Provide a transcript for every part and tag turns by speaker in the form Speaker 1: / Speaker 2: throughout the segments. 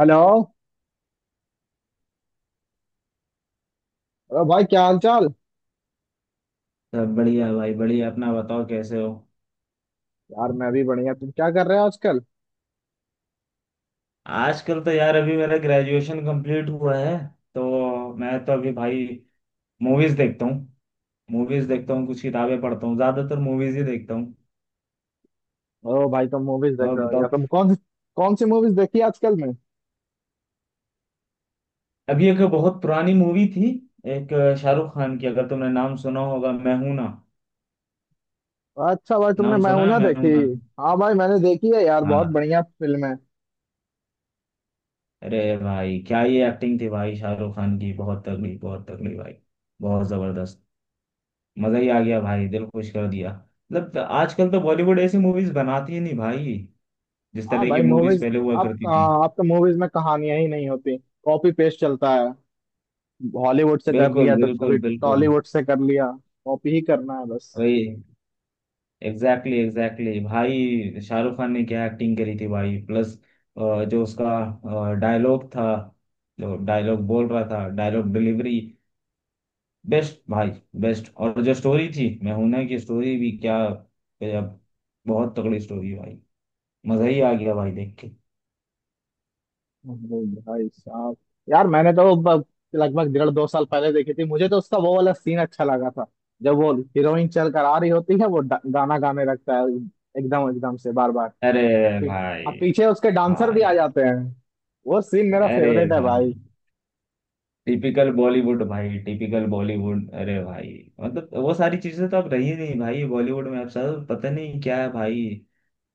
Speaker 1: Hello. अरे भाई, क्या हाल चाल।
Speaker 2: सब बढ़िया भाई, बढ़िया। अपना बताओ, कैसे हो।
Speaker 1: यार, मैं भी बढ़िया। तुम क्या कर रहे हो आजकल?
Speaker 2: आजकल तो यार अभी मेरा ग्रेजुएशन कंप्लीट हुआ है, तो मैं तो अभी भाई मूवीज देखता हूँ। कुछ किताबें पढ़ता हूँ, ज्यादातर मूवीज ही देखता हूँ।
Speaker 1: ओ भाई, तुम मूवीज देख
Speaker 2: और
Speaker 1: रहे हो?
Speaker 2: बताओ।
Speaker 1: यार, तुम कौन कौन सी मूवीज देखी आजकल में?
Speaker 2: अभी एक बहुत पुरानी मूवी थी, एक शाहरुख खान की, अगर तुमने नाम सुना होगा, मैं हूं ना।
Speaker 1: अच्छा भाई, तुमने
Speaker 2: नाम
Speaker 1: मैं
Speaker 2: सुना
Speaker 1: हूं
Speaker 2: है,
Speaker 1: ना
Speaker 2: मैं
Speaker 1: देखी?
Speaker 2: हूं ना।
Speaker 1: हाँ भाई, मैंने देखी है यार, बहुत
Speaker 2: हाँ।
Speaker 1: बढ़िया फिल्म है।
Speaker 2: अरे भाई, क्या ये एक्टिंग थी भाई शाहरुख खान की, बहुत तगड़ी, बहुत तगड़ी भाई, बहुत जबरदस्त। मजा ही आ गया भाई, दिल खुश कर दिया। मतलब आजकल तो बॉलीवुड ऐसी मूवीज बनाती ही नहीं भाई, जिस
Speaker 1: हाँ
Speaker 2: तरह की
Speaker 1: भाई,
Speaker 2: मूवीज
Speaker 1: मूवीज।
Speaker 2: पहले हुआ
Speaker 1: आप
Speaker 2: करती थी।
Speaker 1: कहाँ, आप तो मूवीज में कहानियां ही नहीं होती। कॉपी पेस्ट चलता है। हॉलीवुड से कर
Speaker 2: बिल्कुल,
Speaker 1: लिया तो
Speaker 2: बिल्कुल,
Speaker 1: कभी
Speaker 2: बिल्कुल।
Speaker 1: टॉलीवुड से कर लिया। कॉपी ही करना है बस।
Speaker 2: वही। एग्जैक्टली, एग्जैक्टली भाई, शाहरुख खान ने क्या एक्टिंग करी थी भाई, प्लस जो उसका डायलॉग था, जो डायलॉग बोल रहा था, डायलॉग डिलीवरी बेस्ट भाई, बेस्ट। और जो स्टोरी थी मैं हूं ना की, स्टोरी भी क्या गजब, बहुत तगड़ी स्टोरी भाई। मजा ही आ गया भाई देख के।
Speaker 1: अरे भाई साहब, यार मैंने तो लगभग 1.5-2 साल पहले देखी थी। मुझे तो उसका वो वाला सीन अच्छा लगा था, जब वो हीरोइन चल कर आ रही होती है, वो गाना गाने लगता है। एकदम एकदम से, बार बार।
Speaker 2: अरे
Speaker 1: पी-
Speaker 2: भाई।
Speaker 1: अब पीछे उसके डांसर भी
Speaker 2: भाई।
Speaker 1: आ जाते हैं। वो सीन मेरा
Speaker 2: अरे
Speaker 1: फेवरेट है
Speaker 2: भाई,
Speaker 1: भाई।
Speaker 2: टिपिकल बॉलीवुड भाई, टिपिकल बॉलीवुड। अरे भाई, मतलब वो सारी चीजें तो अब रही नहीं भाई बॉलीवुड में, अब सर पता नहीं क्या है भाई।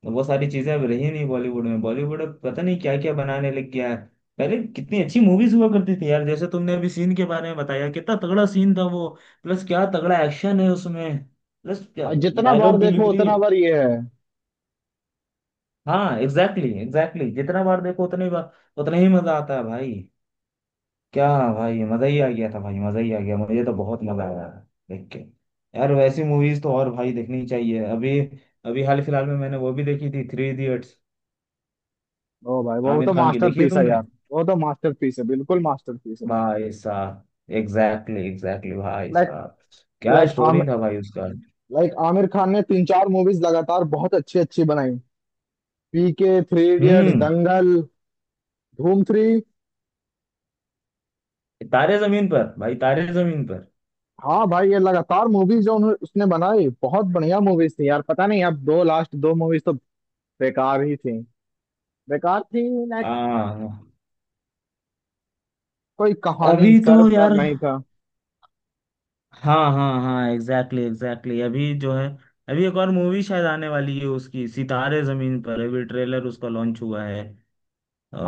Speaker 2: वो सारी चीजें अब रही नहीं बॉलीवुड में, बॉलीवुड अब पता नहीं क्या क्या बनाने लग गया है। पहले कितनी अच्छी मूवीज हुआ करती थी यार, जैसे तुमने अभी सीन के बारे में बताया, कितना तगड़ा सीन था वो। प्लस क्या तगड़ा एक्शन है उसमें, प्लस क्या
Speaker 1: और जितना बार
Speaker 2: डायलॉग
Speaker 1: देखो
Speaker 2: डिलीवरी।
Speaker 1: उतना बार ये है।
Speaker 2: हाँ, एग्जैक्टली, एग्जैक्टली, जितना बार देखो उतनी बार उतना ही मजा आता है भाई। क्या भाई, मजा ही आ गया था भाई, मजा ही आ गया, मुझे तो बहुत मजा आया देख के। यार वैसी मूवीज तो और भाई देखनी चाहिए। अभी, अभी हाल फिलहाल में मैंने वो भी देखी थी, थ्री इडियट्स,
Speaker 1: ओ भाई, वो
Speaker 2: आमिर
Speaker 1: तो
Speaker 2: खान की। देखी है
Speaker 1: मास्टरपीस है
Speaker 2: तुमने।
Speaker 1: यार। वो तो मास्टरपीस है, बिल्कुल मास्टरपीस है।
Speaker 2: भाई साहब, एग्जैक्टली, एग्जैक्टली भाई
Speaker 1: लाइक
Speaker 2: साहब, क्या
Speaker 1: लाइक
Speaker 2: स्टोरी
Speaker 1: आमिर
Speaker 2: था भाई उसका।
Speaker 1: लाइक आमिर खान ने तीन चार मूवीज लगातार बहुत अच्छी अच्छी बनाई। पीके, थ्री इडियट्स,
Speaker 2: हम्म।
Speaker 1: दंगल, धूम थ्री।
Speaker 2: तारे जमीन पर भाई, तारे जमीन पर।
Speaker 1: हाँ भाई, ये लगातार मूवीज जो उन्होंने उसने बनाई बहुत बढ़िया मूवीज थी यार। पता नहीं, अब दो लास्ट दो मूवीज तो बेकार ही थी। बेकार थी ना।
Speaker 2: आ,
Speaker 1: कोई कहानी इन
Speaker 2: अभी तो
Speaker 1: सर पर
Speaker 2: यार,
Speaker 1: नहीं था।
Speaker 2: हाँ हाँ हाँ, एग्जैक्टली, एग्जैक्टली। अभी जो है, अभी एक और मूवी शायद आने वाली है उसकी, सितारे जमीन पर, अभी ट्रेलर उसका लॉन्च हुआ है।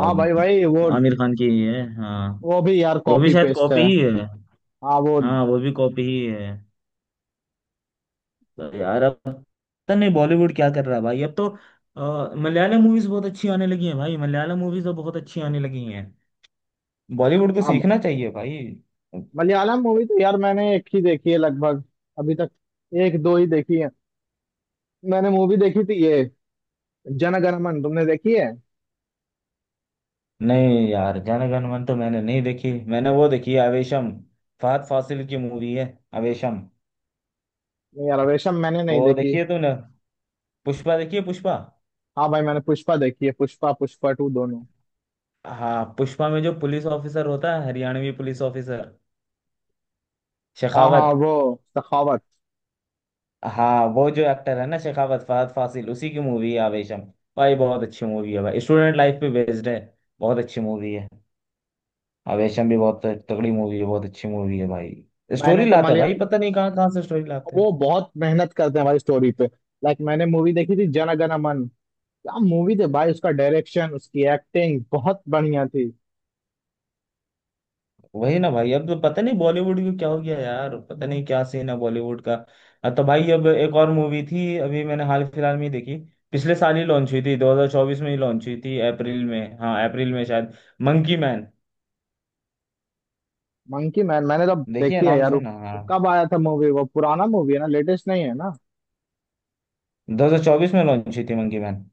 Speaker 1: हाँ भाई, भाई वो
Speaker 2: आमिर खान की ही है, हाँ।
Speaker 1: वो भी यार
Speaker 2: वो भी
Speaker 1: कॉपी
Speaker 2: शायद
Speaker 1: पेस्ट
Speaker 2: कॉपी
Speaker 1: है।
Speaker 2: ही है।
Speaker 1: हाँ वो,
Speaker 2: हाँ वो भी कॉपी ही है। तो यार अब पता नहीं बॉलीवुड क्या कर रहा है भाई, अब तो मलयालम मूवीज बहुत अच्छी आने लगी हैं भाई, मलयालम मूवीज तो बहुत अच्छी आने लगी हैं। बॉलीवुड को
Speaker 1: हाँ।
Speaker 2: सीखना चाहिए भाई।
Speaker 1: मलयालम मूवी तो यार मैंने एक ही देखी है लगभग, अभी तक। एक दो ही देखी है। मैंने मूवी देखी थी ये, जनगणमन। तुमने देखी है?
Speaker 2: नहीं यार, जनगण मन तो मैंने नहीं देखी, मैंने वो देखी है आवेशम, फहद फासिल की मूवी है आवेशम।
Speaker 1: नहीं यार, रेशम मैंने नहीं
Speaker 2: वो
Speaker 1: देखी।
Speaker 2: देखी है तूने। पुष्पा देखी है, पुष्पा।
Speaker 1: हाँ भाई, मैंने पुष्पा देखी है। पुष्पा, पुष्पा टू दोनों।
Speaker 2: हाँ, पुष्पा में जो पुलिस ऑफिसर होता है, हरियाणवी पुलिस ऑफिसर,
Speaker 1: हाँ हाँ
Speaker 2: शेखावत।
Speaker 1: वो, सखावत।
Speaker 2: हाँ, वो जो एक्टर है ना, शेखावत, फहद फासिल, उसी की मूवी है आवेशम। भाई बहुत अच्छी मूवी है भाई, स्टूडेंट लाइफ पे बेस्ड है, बहुत अच्छी मूवी है। आवेशम भी बहुत तगड़ी मूवी है, बहुत अच्छी मूवी है भाई।
Speaker 1: मैंने
Speaker 2: स्टोरी
Speaker 1: तो मान
Speaker 2: लाते हैं
Speaker 1: लिया।
Speaker 2: भाई, पता नहीं कहाँ कहाँ से स्टोरी लाते हैं।
Speaker 1: वो बहुत मेहनत करते हैं भाई स्टोरी पे। लाइक, मैंने मूवी देखी थी जन गण मन। क्या मूवी थी भाई, उसका डायरेक्शन, उसकी एक्टिंग बहुत बढ़िया थी।
Speaker 2: वही ना भाई, अब तो पता नहीं बॉलीवुड को क्या हो गया यार, पता नहीं क्या सीन है बॉलीवुड का। अब तो भाई, अब एक और मूवी थी, अभी मैंने हाल फिलहाल में ही देखी, पिछले साल ही लॉन्च हुई थी, 2024 में ही लॉन्च हुई थी अप्रैल में, हाँ अप्रैल में शायद, मंकी मैन।
Speaker 1: Monkey man? मैंने तो
Speaker 2: देखिए
Speaker 1: देखी है
Speaker 2: नाम
Speaker 1: यार वो।
Speaker 2: सुन, हाँ,
Speaker 1: वो कब आया था मूवी? वो पुराना मूवी है ना, लेटेस्ट नहीं है ना?
Speaker 2: 2024 में लॉन्च हुई थी मंकी मैन।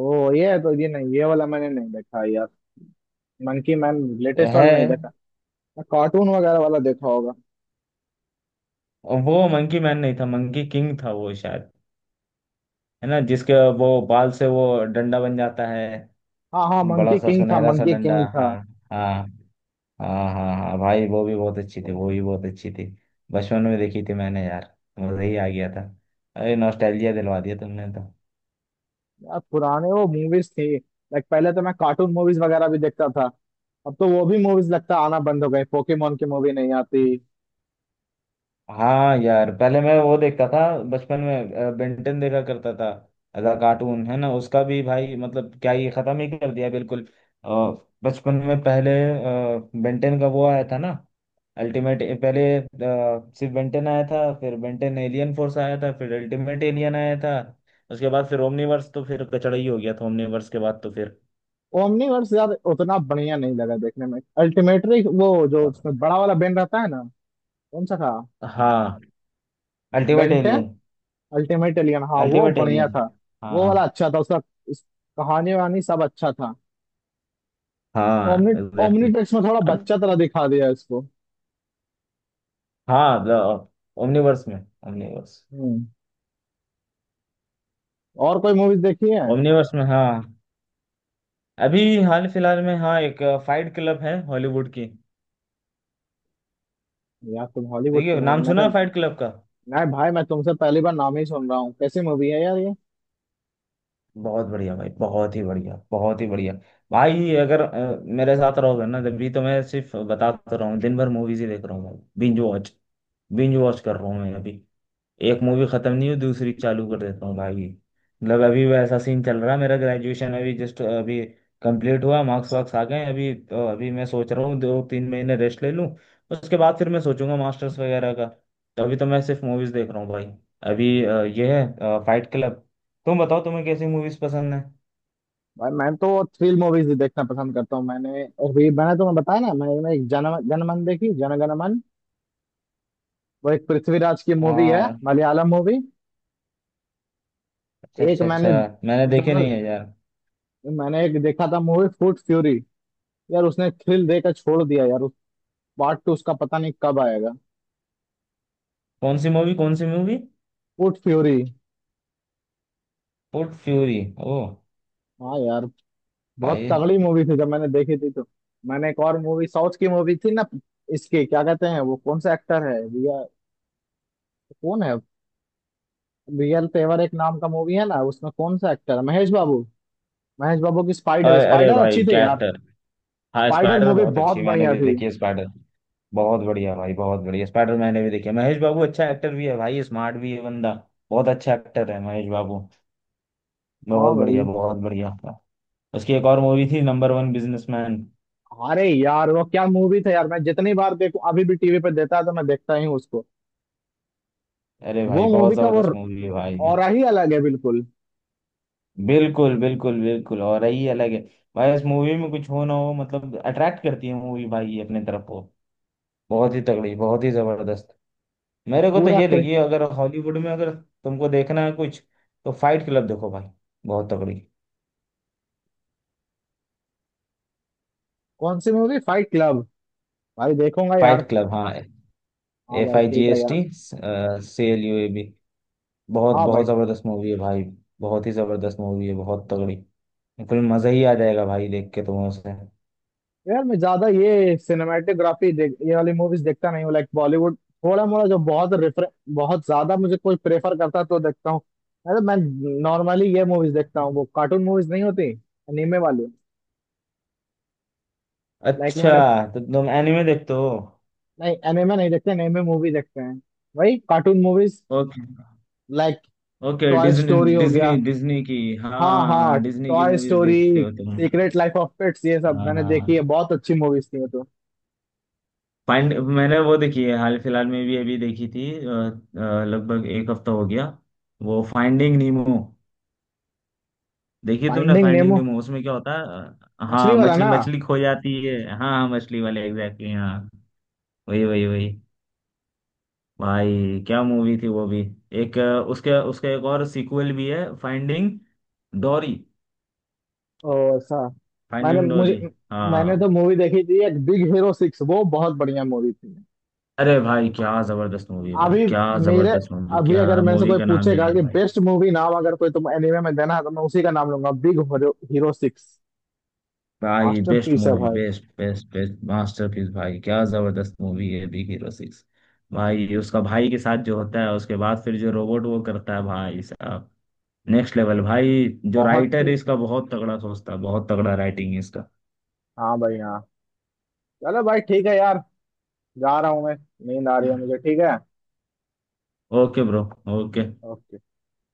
Speaker 1: ओ ये है तो, ये नहीं, ये वाला मैंने नहीं देखा यार। मंकी मैन लेटेस्ट
Speaker 2: है।
Speaker 1: वाला नहीं देखा। मैं कार्टून वगैरह वाला देखा होगा।
Speaker 2: वो मंकी मैन नहीं था, मंकी किंग था वो शायद, है ना, जिसके वो बाल से वो डंडा बन जाता है,
Speaker 1: हाँ हाँ,
Speaker 2: बड़ा
Speaker 1: मंकी
Speaker 2: सा
Speaker 1: किंग था।
Speaker 2: सुनहरा सा
Speaker 1: मंकी
Speaker 2: डंडा।
Speaker 1: किंग था।
Speaker 2: हाँ। हाँ। हाँ हाँ हाँ भाई, वो भी बहुत अच्छी थी, वो भी बहुत अच्छी थी, बचपन में देखी थी मैंने यार, मजा ही आ गया था। अरे नॉस्टैल्जिया दिलवा दिया तुमने तो।
Speaker 1: यार पुराने वो मूवीज थी। लाइक, पहले तो मैं कार्टून मूवीज वगैरह भी देखता था। अब तो वो भी मूवीज लगता आना बंद हो गए। पोकेमोन की मूवी नहीं आती।
Speaker 2: हाँ यार, पहले मैं वो देखता था, बचपन में बेंटन देखा करता था। अदा कार्टून है ना उसका भी भाई, मतलब क्या ये खत्म ही कर दिया बिल्कुल। अ, बचपन में पहले बेंटन का वो आया था ना, अल्टीमेट। पहले सिर्फ बेंटन आया था, फिर बेंटन एलियन फोर्स आया था, फिर अल्टीमेट एलियन आया था, उसके बाद फिर ओमनीवर्स, तो फिर कचड़ा ही हो गया था ओमनीवर्स के बाद तो फिर।
Speaker 1: ओमनीवर्स यार उतना बढ़िया नहीं लगा देखने में। अल्टीमेटली वो जो
Speaker 2: और।
Speaker 1: उसमें बड़ा वाला बेन रहता है ना, कौन सा था?
Speaker 2: हाँ, ultimate
Speaker 1: Ben Ten,
Speaker 2: alien.
Speaker 1: Ultimate alien. हाँ वो
Speaker 2: अल्टीमेट
Speaker 1: बढ़िया
Speaker 2: एलियन,
Speaker 1: था। वो
Speaker 2: हाँ।
Speaker 1: वाला अच्छा था उसका। उस कहानी वहानी सब अच्छा था।
Speaker 2: हाँ,
Speaker 1: ओमनी
Speaker 2: एग्जैक्टली।
Speaker 1: ओमनीट्रिक्स में थोड़ा
Speaker 2: अब,
Speaker 1: बच्चा तरह दिखा दिया इसको।
Speaker 2: हाँ, ओमनीवर्स में, ओमनीवर्स।
Speaker 1: हम्म। और कोई मूवीज देखी है?
Speaker 2: ओमनीवर्स में, हाँ। अभी हाल फिलहाल में, हाँ, एक फाइट क्लब है हॉलीवुड की।
Speaker 1: यार तुम हॉलीवुड की
Speaker 2: देखिए
Speaker 1: मूवी,
Speaker 2: नाम
Speaker 1: मैं
Speaker 2: सुना
Speaker 1: तो
Speaker 2: है, फाइट क्लब का।
Speaker 1: मैं भाई मैं तुमसे पहली बार नाम ही सुन रहा हूँ। कैसी मूवी है यार ये?
Speaker 2: बहुत बढ़िया भाई, बहुत ही बढ़िया, बहुत ही बढ़िया। भाई अगर मेरे साथ रहोगे ना जब भी, तो मैं सिर्फ बताता रहा हूँ, दिन भर मूवीज ही देख रहा हूँ भाई, बिंज वॉच, बिंज वॉच कर रहा हूँ मैं अभी। एक मूवी खत्म नहीं हुई, दूसरी चालू कर देता हूँ भाई। मतलब अभी वैसा सीन चल रहा है, मेरा ग्रेजुएशन अभी जस्ट अभी कंप्लीट हुआ, मार्क्स वार्क्स आ गए हैं, अभी तो अभी मैं सोच रहा हूँ दो तीन महीने रेस्ट ले लूँ, उसके बाद फिर मैं सोचूंगा मास्टर्स वगैरह का। तो अभी तो मैं सिर्फ मूवीज देख रहा हूँ भाई। अभी ये है फाइट क्लब। तुम बताओ, तुम्हें कैसी मूवीज पसंद है।
Speaker 1: भाई मैं तो थ्रिल मूवीज ही देखना पसंद करता हूँ। मैंने तुम्हें बताया ना, मैंने एक जन जनमन देखी, जनगण मन। वो एक पृथ्वीराज की मूवी है,
Speaker 2: हाँ,
Speaker 1: मलयालम मूवी।
Speaker 2: अच्छा
Speaker 1: एक
Speaker 2: अच्छा अच्छा,
Speaker 1: मैंने
Speaker 2: मैंने देखे
Speaker 1: ज्यादा
Speaker 2: नहीं है यार।
Speaker 1: मैंने एक देखा था मूवी फूट फ्यूरी। यार उसने थ्रिल देकर छोड़ दिया यार, उस पार्ट टू उसका पता नहीं कब आएगा।
Speaker 2: कौन सी मूवी, कौन सी movie.
Speaker 1: Foot fury.
Speaker 2: Foot fury, ओ
Speaker 1: हाँ यार, बहुत
Speaker 2: भाई।
Speaker 1: तगड़ी मूवी थी जब मैंने देखी थी तो। मैंने एक और मूवी, साउथ की मूवी थी ना, इसके क्या कहते हैं, वो कौन सा एक्टर है, रिया कौन है? रियल तेवर एक नाम का मूवी है ना, उसमें कौन सा एक्टर है, महेश बाबू। महेश बाबू की स्पाइडर
Speaker 2: अरे अरे
Speaker 1: स्पाइडर
Speaker 2: भाई,
Speaker 1: अच्छी थी
Speaker 2: क्या।
Speaker 1: यार।
Speaker 2: हाँ
Speaker 1: स्पाइडर
Speaker 2: स्पाइडर
Speaker 1: मूवी
Speaker 2: बहुत
Speaker 1: बहुत
Speaker 2: अच्छी है, मैंने
Speaker 1: बढ़िया
Speaker 2: भी
Speaker 1: थी।
Speaker 2: देखी है स्पाइडर। बहुत बढ़िया भाई, बहुत बढ़िया, स्पाइडर मैंने भी देखी है। महेश बाबू अच्छा एक्टर भी है भाई, स्मार्ट भी है बंदा, बहुत अच्छा एक्टर है महेश बाबू,
Speaker 1: हाँ
Speaker 2: बहुत बढ़िया,
Speaker 1: भाई।
Speaker 2: बहुत बढ़िया। उसकी एक और मूवी थी, नंबर वन बिजनेसमैन।
Speaker 1: अरे यार, वो क्या मूवी था यार, मैं जितनी बार देखूं, अभी भी टीवी पे देता है तो मैं देखता ही हूँ उसको।
Speaker 2: अरे
Speaker 1: वो
Speaker 2: भाई, बहुत
Speaker 1: मूवी का वो
Speaker 2: जबरदस्त मूवी है भाई।
Speaker 1: ऑरा ही अलग है, बिल्कुल।
Speaker 2: बिल्कुल, बिल्कुल, बिल्कुल, और यही अलग है भाई। इस मूवी में कुछ हो ना हो, मतलब अट्रैक्ट करती है मूवी भाई अपने तरफ को, बहुत ही तगड़ी, बहुत ही जबरदस्त। मेरे को तो
Speaker 1: पूरा
Speaker 2: ये लगी है, अगर हॉलीवुड में अगर तुमको देखना है कुछ, तो फाइट क्लब देखो भाई, बहुत तगड़ी।
Speaker 1: कौन सी मूवी, फाइट क्लब? भाई देखूंगा यार।
Speaker 2: फाइट क्लब, हाँ।
Speaker 1: हाँ
Speaker 2: एफ
Speaker 1: भाई,
Speaker 2: आई जी
Speaker 1: ठीक है
Speaker 2: एस टी
Speaker 1: यार।
Speaker 2: C L U A B. बहुत
Speaker 1: हाँ भाई।
Speaker 2: बहुत जबरदस्त मूवी है भाई, बहुत ही जबरदस्त मूवी है, बहुत तगड़ी, बिल्कुल मजा ही आ जाएगा भाई देख के तुम्हें उसे।
Speaker 1: यार, मैं ज्यादा ये सिनेमेटोग्राफी देख ये वाली मूवीज देखता नहीं हूँ। लाइक, बॉलीवुड थोड़ा मोड़ा, जो बहुत रेफर, बहुत ज्यादा मुझे कोई प्रेफर करता है तो देखता हूँ। अरे, मैं नॉर्मली ये मूवीज देखता हूँ, वो कार्टून मूवीज नहीं होती, एनीमे वाली। लाइक,
Speaker 2: अच्छा,
Speaker 1: मैंने।
Speaker 2: तो तुम एनिमे देखते हो।
Speaker 1: नहीं, एनीमे नहीं देखते, एनीमे मूवी देखते हैं। वही cartoon movies.
Speaker 2: Okay.
Speaker 1: Like,
Speaker 2: okay,
Speaker 1: toy
Speaker 2: Disney,
Speaker 1: story हो
Speaker 2: डिज्नी,
Speaker 1: गया।
Speaker 2: डिज्नी की। हाँ
Speaker 1: हाँ हाँ।
Speaker 2: हाँ, डिज्नी की
Speaker 1: टॉय
Speaker 2: मूवीज देखते
Speaker 1: स्टोरी,
Speaker 2: हो तुम।
Speaker 1: सीक्रेट लाइफ ऑफ पेट्स, ये सब
Speaker 2: हाँ
Speaker 1: मैंने देखी
Speaker 2: हाँ।
Speaker 1: है। बहुत अच्छी मूवीज थी वो तो।
Speaker 2: पांड, मैंने वो देखी है हाल फिलहाल में भी, अभी देखी थी लगभग एक हफ्ता हो गया, वो फाइंडिंग नीमो। देखी तुमने
Speaker 1: फाइंडिंग
Speaker 2: फाइंडिंग
Speaker 1: नेमो,
Speaker 2: नीमो, उसमें क्या होता है
Speaker 1: मछली
Speaker 2: हाँ,
Speaker 1: वाला
Speaker 2: मछली,
Speaker 1: ना?
Speaker 2: मछली खो जाती है, हाँ हाँ मछली वाले, एग्जैक्टली, हाँ वही वही वही। भाई क्या मूवी थी वो भी। एक उसके उसका एक और सीक्वल भी है, फाइंडिंग डोरी,
Speaker 1: ओ ऐसा? मैंने
Speaker 2: फाइंडिंग डोरी।
Speaker 1: मुझे मैंने
Speaker 2: हाँ।
Speaker 1: तो मूवी देखी थी एक, बिग हीरो सिक्स। वो बहुत बढ़िया मूवी थी।
Speaker 2: अरे भाई क्या जबरदस्त मूवी है भाई,
Speaker 1: अभी
Speaker 2: क्या
Speaker 1: मेरे
Speaker 2: जबरदस्त मूवी,
Speaker 1: अभी
Speaker 2: क्या
Speaker 1: अगर मेरे से
Speaker 2: मूवी
Speaker 1: कोई
Speaker 2: का नाम ले
Speaker 1: पूछेगा
Speaker 2: लिया
Speaker 1: कि
Speaker 2: भाई।
Speaker 1: बेस्ट मूवी नाम अगर कोई तुम एनिमे में देना है तो मैं उसी का नाम लूंगा, बिग हीरो सिक्स।
Speaker 2: भाई बेस्ट
Speaker 1: मास्टरपीस है
Speaker 2: मूवी,
Speaker 1: भाई।
Speaker 2: बेस्ट बेस्ट बेस्ट, मास्टरपीस भाई, क्या जबरदस्त मूवी है बिग हीरो सिक्स। भाई उसका भाई के साथ जो होता है, उसके बाद फिर जो रोबोट वो करता है भाई साहब, नेक्स्ट लेवल भाई। जो
Speaker 1: बहुत
Speaker 2: राइटर
Speaker 1: ही।
Speaker 2: है इसका, बहुत तगड़ा सोचता है, बहुत तगड़ा राइटिंग है इसका।
Speaker 1: हाँ भाई, हाँ। चलो भाई, ठीक है यार। जा रहा हूँ मैं। नींद आ रही है मुझे। ठीक है।
Speaker 2: Okay bro. ओके।
Speaker 1: ओके।